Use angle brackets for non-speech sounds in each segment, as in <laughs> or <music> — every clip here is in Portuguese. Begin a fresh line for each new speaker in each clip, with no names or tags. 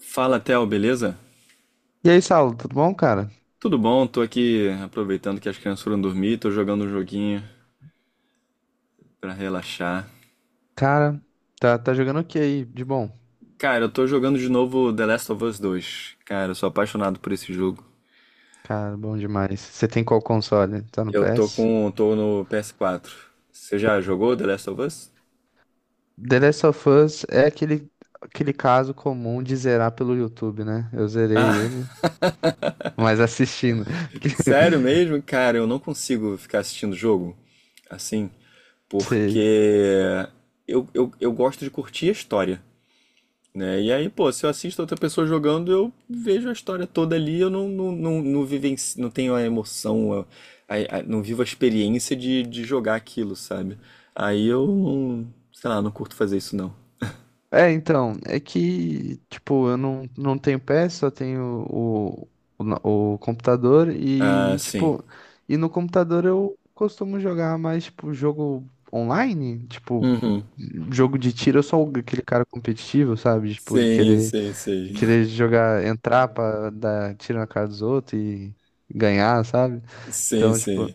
Fala, Theo, beleza?
E aí, Saulo, tudo bom, cara?
Tudo bom? Tô aqui aproveitando que as crianças foram dormir, tô jogando um joguinho pra relaxar.
Cara, tá jogando o que aí de bom?
Cara, eu tô jogando de novo The Last of Us 2. Cara, eu sou apaixonado por esse jogo.
Cara, bom demais. Você tem qual console? Tá no PS?
Tô no PS4. Você já jogou The Last of Us?
The Last of Us é aquele caso comum de zerar pelo YouTube, né? Eu zerei ele,
Ah,
mas assistindo.
<laughs> sério
<laughs>
mesmo? Cara, eu não consigo ficar assistindo jogo assim,
Sei.
porque eu gosto de curtir a história, né? E aí, pô, se eu assisto outra pessoa jogando, eu vejo a história toda ali, eu não, não, não, não, vivenci- não tenho a emoção, não vivo a experiência de jogar aquilo, sabe? Aí eu não, sei lá, não curto fazer isso não.
É, então, é que, tipo, eu não tenho PS, só tenho o computador
Ah,
e,
sim.
tipo, e no computador eu costumo jogar mais, tipo, jogo online, tipo,
Uhum.
jogo de tiro, eu sou aquele cara competitivo, sabe? Tipo, de
Sim,
querer,
sim, sim.
querer jogar, entrar pra dar tiro na cara dos outros e ganhar, sabe?
Sim,
Então, tipo,
sim.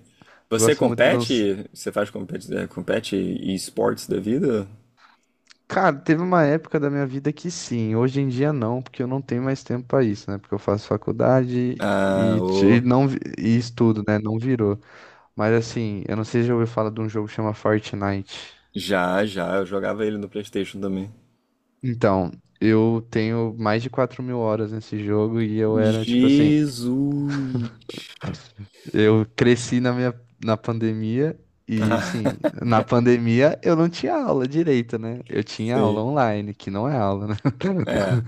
Você
gosto muito de uns.
compete? Você faz compete, é, compete esportes da vida?
Cara, teve uma época da minha vida que sim, hoje em dia não, porque eu não tenho mais tempo pra isso, né? Porque eu faço faculdade
Ah,
e, ti- e
ô.
não vi- e estudo, né? Não virou. Mas assim, eu não sei se já ouviu falar de um jogo que chama Fortnite.
Já, já. Eu jogava ele no PlayStation também.
Então, eu tenho mais de 4 mil horas nesse jogo e eu era tipo assim,
Jesus.
eu cresci na pandemia e assim, na pandemia eu não tinha aula direita, né? Eu
<laughs>
tinha aula
sei.
online, que não é aula, né? <laughs>
É.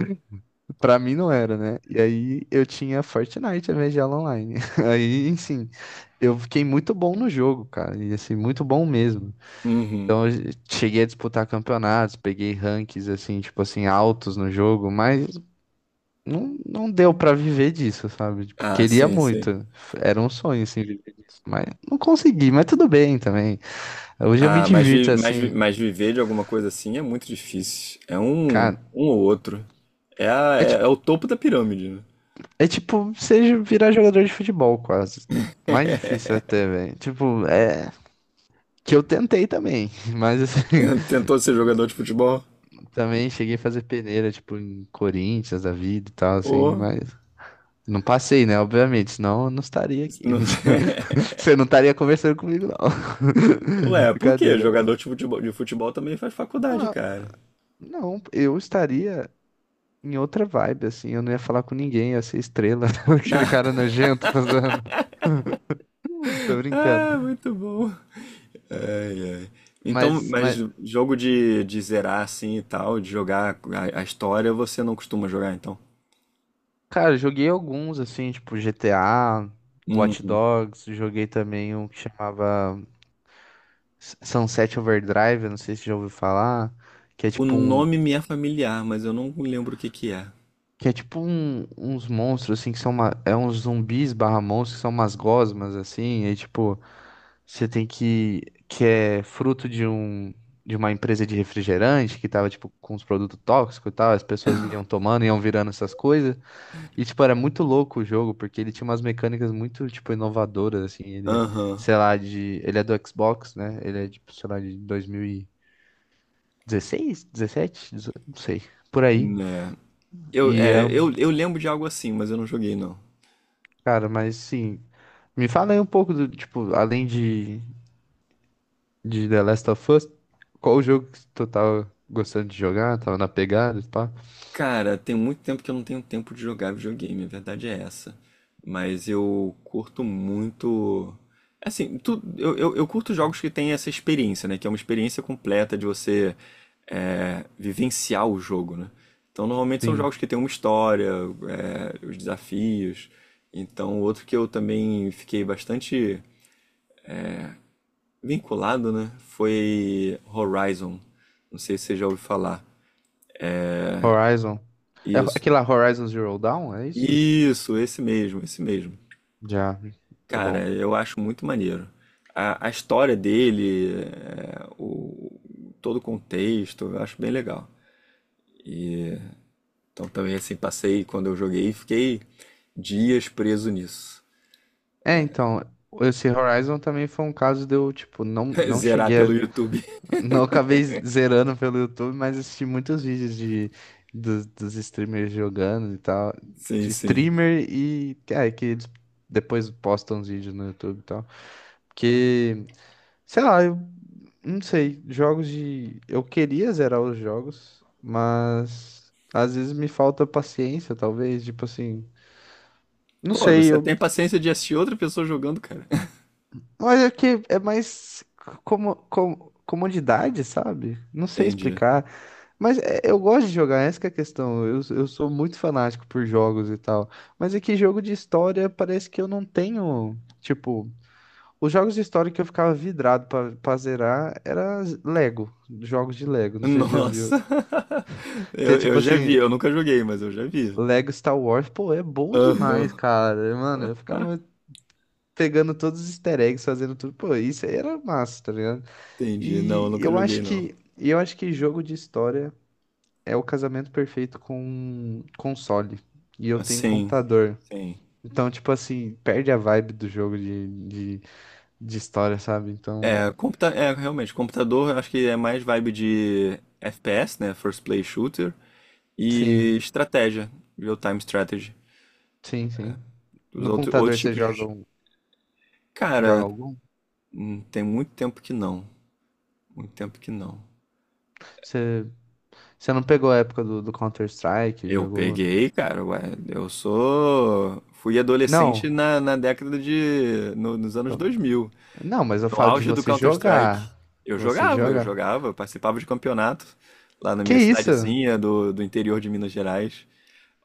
Pra mim não era, né? E aí eu tinha Fortnite, a vez de aula online. <laughs> Aí, enfim, eu fiquei muito bom no jogo, cara. E assim, muito bom mesmo.
Uhum.
Então eu cheguei a disputar campeonatos, peguei rankings, assim, tipo assim, altos no jogo, mas não deu pra viver disso, sabe? Tipo,
Ah,
queria
sim, sim.
muito. Era um sonho, assim, viver disso. Mas não consegui, mas tudo bem também. Hoje eu me
Ah,
divirto, assim,
mas viver de alguma coisa assim é muito difícil. É um,
cara.
um ou outro. É,
É tipo,
é o topo da pirâmide, né?
é tipo você virar jogador de futebol, quase. Mais difícil até, velho. Tipo, é. Que eu tentei também, <laughs> mas assim,
Tentou ser jogador de futebol?
<laughs> também cheguei a fazer peneira, tipo, em Corinthians, da vida e tal, assim,
Ou.
mas não passei, né? Obviamente, senão eu não estaria aqui. <laughs>
não-
Mentira.
<laughs>
Você não estaria conversando comigo, não. <laughs>
Ué, por quê?
Brincadeira.
Jogador de futebol também faz faculdade,
Ah,
cara.
não, eu estaria em outra vibe, assim, eu não ia falar com ninguém, ia ser estrela, <laughs> aquele cara
<laughs>
nojento, tá zoando. <laughs> Tô brincando.
Ah, muito bom. Ai, ai. Então,
Mas,
mas
mas,
jogo de zerar assim e tal, de jogar a história, você não costuma jogar, então?
cara, eu joguei alguns, assim, tipo GTA, Watch
Uhum.
Dogs, joguei também um que chamava Sunset Overdrive, eu não sei se já ouviu falar, que é
O
tipo um,
nome me é familiar, mas eu não lembro o que que é.
que é tipo um- uns monstros assim que são uma, é uns zumbis barra monstros que são umas gosmas assim, e tipo, você tem que é fruto de uma empresa de refrigerante que tava tipo com uns produtos tóxicos e tal, as pessoas iam tomando, iam virando essas coisas. E tipo, era muito louco o jogo porque ele tinha umas mecânicas muito tipo inovadoras assim, ele é,
Aham,
sei lá, de ele é do Xbox, né? Ele é tipo, sei lá, de 2000 16 17 18, não sei, por aí.
né. Eu,
E
é,
era um.
eu, eu lembro de algo assim, mas eu não joguei não.
Cara, mas sim, me fala aí um pouco do, tipo, além de The Last of Us, qual o jogo que tu tava gostando de jogar, tava na pegada, e pá?
Cara, tem muito tempo que eu não tenho tempo de jogar videogame, a verdade é essa. Mas eu curto muito. Eu curto jogos que têm essa experiência, né? Que é uma experiência completa de você vivenciar o jogo, né? Então, normalmente são jogos
Sim,
que têm uma história, os desafios. Então, outro que eu também fiquei bastante vinculado, né? Foi Horizon. Não sei se você já ouviu falar.
Horizon. É ho-
Isso.
aquele lá, Horizon Zero Dawn, é isso?
Isso, esse mesmo, esse mesmo.
Já, é bom.
Cara, eu acho muito maneiro. A história dele, todo o contexto, eu acho bem legal. E então também assim, passei quando eu joguei, fiquei dias preso nisso.
É, então, esse Horizon também foi um caso de eu, tipo, não,
<laughs>
não
Zerar
cheguei a.
pelo YouTube. <laughs>
Não acabei zerando pelo YouTube, mas assisti muitos vídeos dos streamers jogando e tal.
Sim,
De
sim.
streamer e é, que eles depois postam os vídeos no YouTube e tal. Porque, sei lá, eu não sei, jogos de. Eu queria zerar os jogos, mas às vezes me falta paciência, talvez. Tipo assim, não
Pô,
sei,
você
eu.
tem paciência de assistir outra pessoa jogando, cara.
Mas é que é mais comodidade, sabe? Não
<laughs>
sei
Entendi.
explicar. Eu gosto de jogar, essa que é a questão. Eu sou muito fanático por jogos e tal. Mas é que jogo de história parece que eu não tenho. Tipo, os jogos de história que eu ficava vidrado pra zerar era Lego, jogos de Lego, não sei se você já viu.
Nossa! <laughs>
Que é tipo
Eu já
assim,
vi, eu nunca joguei, mas eu já vi.
Lego Star Wars, pô, é bom
Aham.
demais, cara. Mano, eu ficava pegando todos os easter eggs, fazendo tudo. Pô, isso aí era massa, tá ligado?
Entendi. Não,
E
eu nunca
eu
joguei,
acho
não.
que eu acho que jogo de história é o casamento perfeito com console. E eu tenho
Sim,
computador.
sim.
Então, tipo assim, perde a vibe do jogo de história, sabe? Então,
É, realmente, computador eu acho que é mais vibe de FPS, né? First Play Shooter. E
sim,
estratégia, real-time strategy.
sim, sim.
Os
No
outros,
computador
outros
você
tipos
joga,
de.
um- joga
Cara,
algum?
tem muito tempo que não. Muito tempo que não.
Você, você não pegou a época do Counter-Strike,
Eu
jogou?
peguei, cara, ué, eu sou. Fui adolescente
Não,
na década de. Nos anos
eu-
dois mil
não, mas eu
No
falo de
auge do
você
Counter-Strike,
jogar.
eu
Você
jogava, eu
jogar.
jogava, eu participava de campeonato lá na
Que
minha
isso?
cidadezinha do interior de Minas Gerais.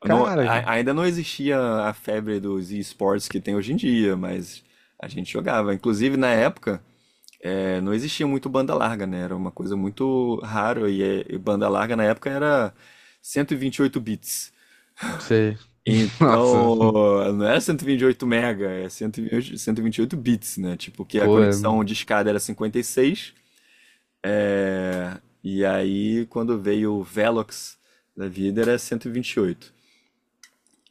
Cara,
Ainda não existia a febre dos esportes que tem hoje em dia, mas a gente jogava. Inclusive, na época, não existia muito banda larga, né? Era uma coisa muito rara e banda larga na época era 128 bits.
você. <laughs> Nossa,
Então, não era 128 mega, é 128 bits, né? Tipo, que a
pô, é.
conexão de escada era 56. É. E aí, quando veio o Velox da vida, era 128.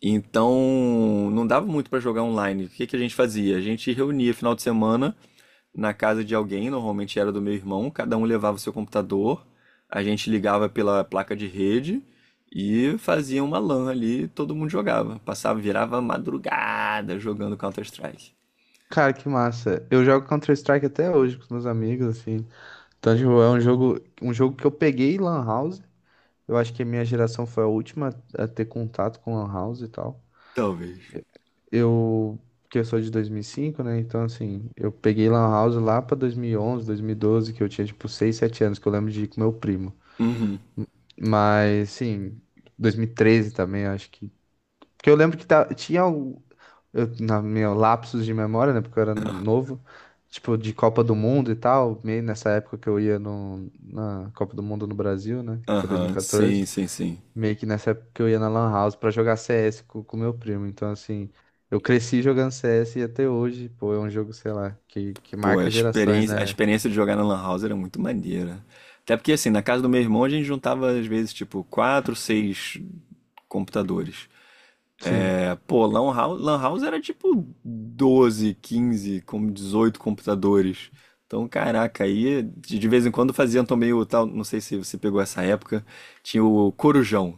Então, não dava muito para jogar online. O que que a gente fazia? A gente reunia final de semana na casa de alguém, normalmente era do meu irmão, cada um levava o seu computador, a gente ligava pela placa de rede e fazia uma LAN ali, todo mundo jogava. Passava, virava madrugada jogando Counter-Strike.
Cara, que massa. Eu jogo Counter-Strike até hoje com os meus amigos, assim. Então, tipo, é um jogo que eu peguei em Lan House. Eu acho que a minha geração foi a última a ter contato com Lan House e tal.
Talvez.
Eu, que eu sou de 2005, né? Então, assim, eu peguei Lan House lá pra 2011, 2012, que eu tinha, tipo, 6, 7 anos, que eu lembro de ir com meu primo.
Uhum.
Mas, sim, 2013 também, acho que. Porque eu lembro que ta- tinha al- eu, na meu lapsos de memória, né? Porque eu era novo, tipo, de Copa do Mundo e tal, meio nessa época que eu ia no, na Copa do Mundo no Brasil, né? Que foi
Aham, sim,
2014.
sim, sim.
Meio que nessa época que eu ia na Lan House pra jogar CS com meu primo. Então, assim, eu cresci jogando CS e até hoje, pô, é um jogo, sei lá, que
Pô,
marca gerações,
a
né?
experiência de jogar na Lan House era muito maneira. Até porque, assim, na casa do meu irmão a gente juntava, às vezes, tipo, 4, 6 computadores.
Sim,
É, pô, Lan House, Lan House era tipo 12, 15, 18 computadores. Então, caraca, aí de vez em quando faziam também o tal, não sei se você pegou essa época, tinha o Corujão,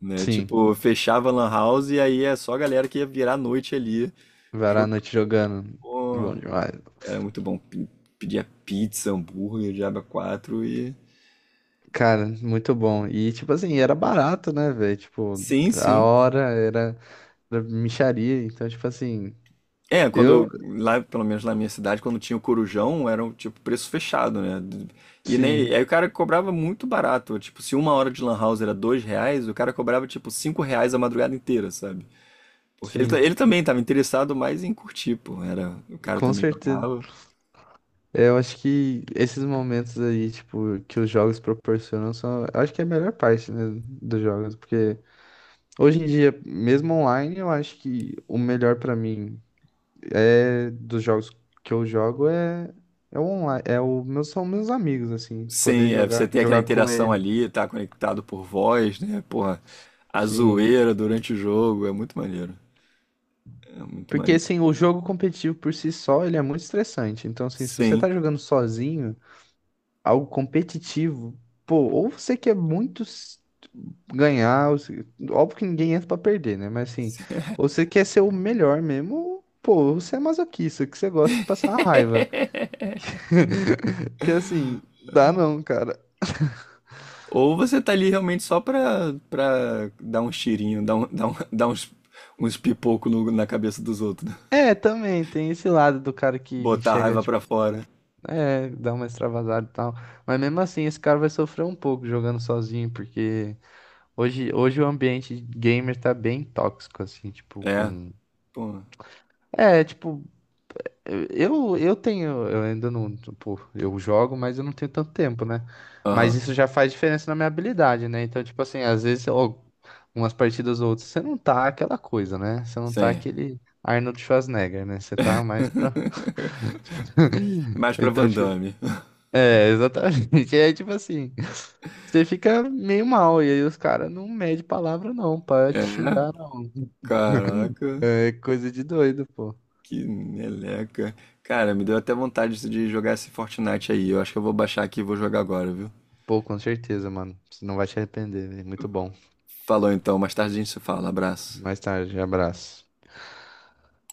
né?
sim.
Tipo, fechava a Lan House e aí é só a galera que ia virar a noite ali.
Varar a
Jogando.
noite jogando. Bom demais.
Era muito bom. Pedia pizza, hambúrguer, diaba 4 e.
Cara, muito bom. E, tipo assim, era barato, né, velho? Tipo,
Sim,
a
sim.
hora era. Era mixaria, então, tipo assim,
É,
eu,
quando. Lá, pelo menos lá na minha cidade, quando tinha o Corujão, era um tipo preço fechado, né? E nem,
sim,
aí o cara cobrava muito barato. Tipo, se uma hora de lan house era R$ 2, o cara cobrava tipo R$ 5 a madrugada inteira, sabe? Porque
sim,
ele também estava interessado mais em curtir, pô. Era, o cara
com
também
certeza.
jogava.
É, eu acho que esses momentos aí, tipo, que os jogos proporcionam são, eu acho que é a melhor parte, né, dos jogos, porque hoje em dia, mesmo online, eu acho que o melhor pra mim é dos jogos que eu jogo é o online, é o meus são meus amigos assim, poder
Sim, é, você
jogar,
tem aquela
jogar com
interação
ele.
ali, tá conectado por voz, né? Porra, a
Sim.
zoeira durante o jogo, é muito maneiro. É muito
Porque
mais.
assim, o jogo competitivo por si só, ele é muito estressante. Então, assim, se você
Sim.
tá jogando sozinho, algo competitivo, pô, ou você quer muito ganhar, ou se- óbvio que ninguém entra pra perder, né? Mas assim, ou você quer ser o melhor mesmo, ou, pô, você é masoquista, que você gosta de passar raiva.
<laughs>
<laughs> Que assim, dá não, cara.
Ou você tá ali realmente só pra dar um cheirinho, <laughs> uns pipoco na cabeça dos outros, né?
É, também tem esse lado do cara que
Botar a
chega,
raiva pra
tipo,
fora.
é, dá uma extravasada e tal. Mas mesmo assim, esse cara vai sofrer um pouco jogando sozinho, porque hoje o ambiente gamer tá bem tóxico, assim, tipo,
É,
com.
pô.
É, tipo, Eu tenho, eu ainda não, tipo, eu jogo, mas eu não tenho tanto tempo, né? Mas
Aham,
isso já faz diferença na minha habilidade, né? Então, tipo assim, às vezes, ó, umas partidas ou outras, você não tá aquela coisa, né? Você não tá
sim.
aquele Arnold Schwarzenegger, né? Você tá mais pra.
<laughs>
<laughs>
Mais pra
Então,
Van
tipo,
Damme. <laughs>
é, exatamente. <laughs> É tipo assim, você fica meio mal, e aí os caras não medem palavra, não, pra
É,
te xingar, não. <laughs>
caraca,
É coisa de doido, pô.
que meleca. Cara, me deu até vontade de jogar esse Fortnite aí. Eu acho que eu vou baixar aqui e vou jogar agora, viu?
Pô, com certeza, mano. Você não vai se arrepender, velho. Muito bom.
Falou então, mais tarde a gente se fala. Abraço.
Mais tarde, abraço.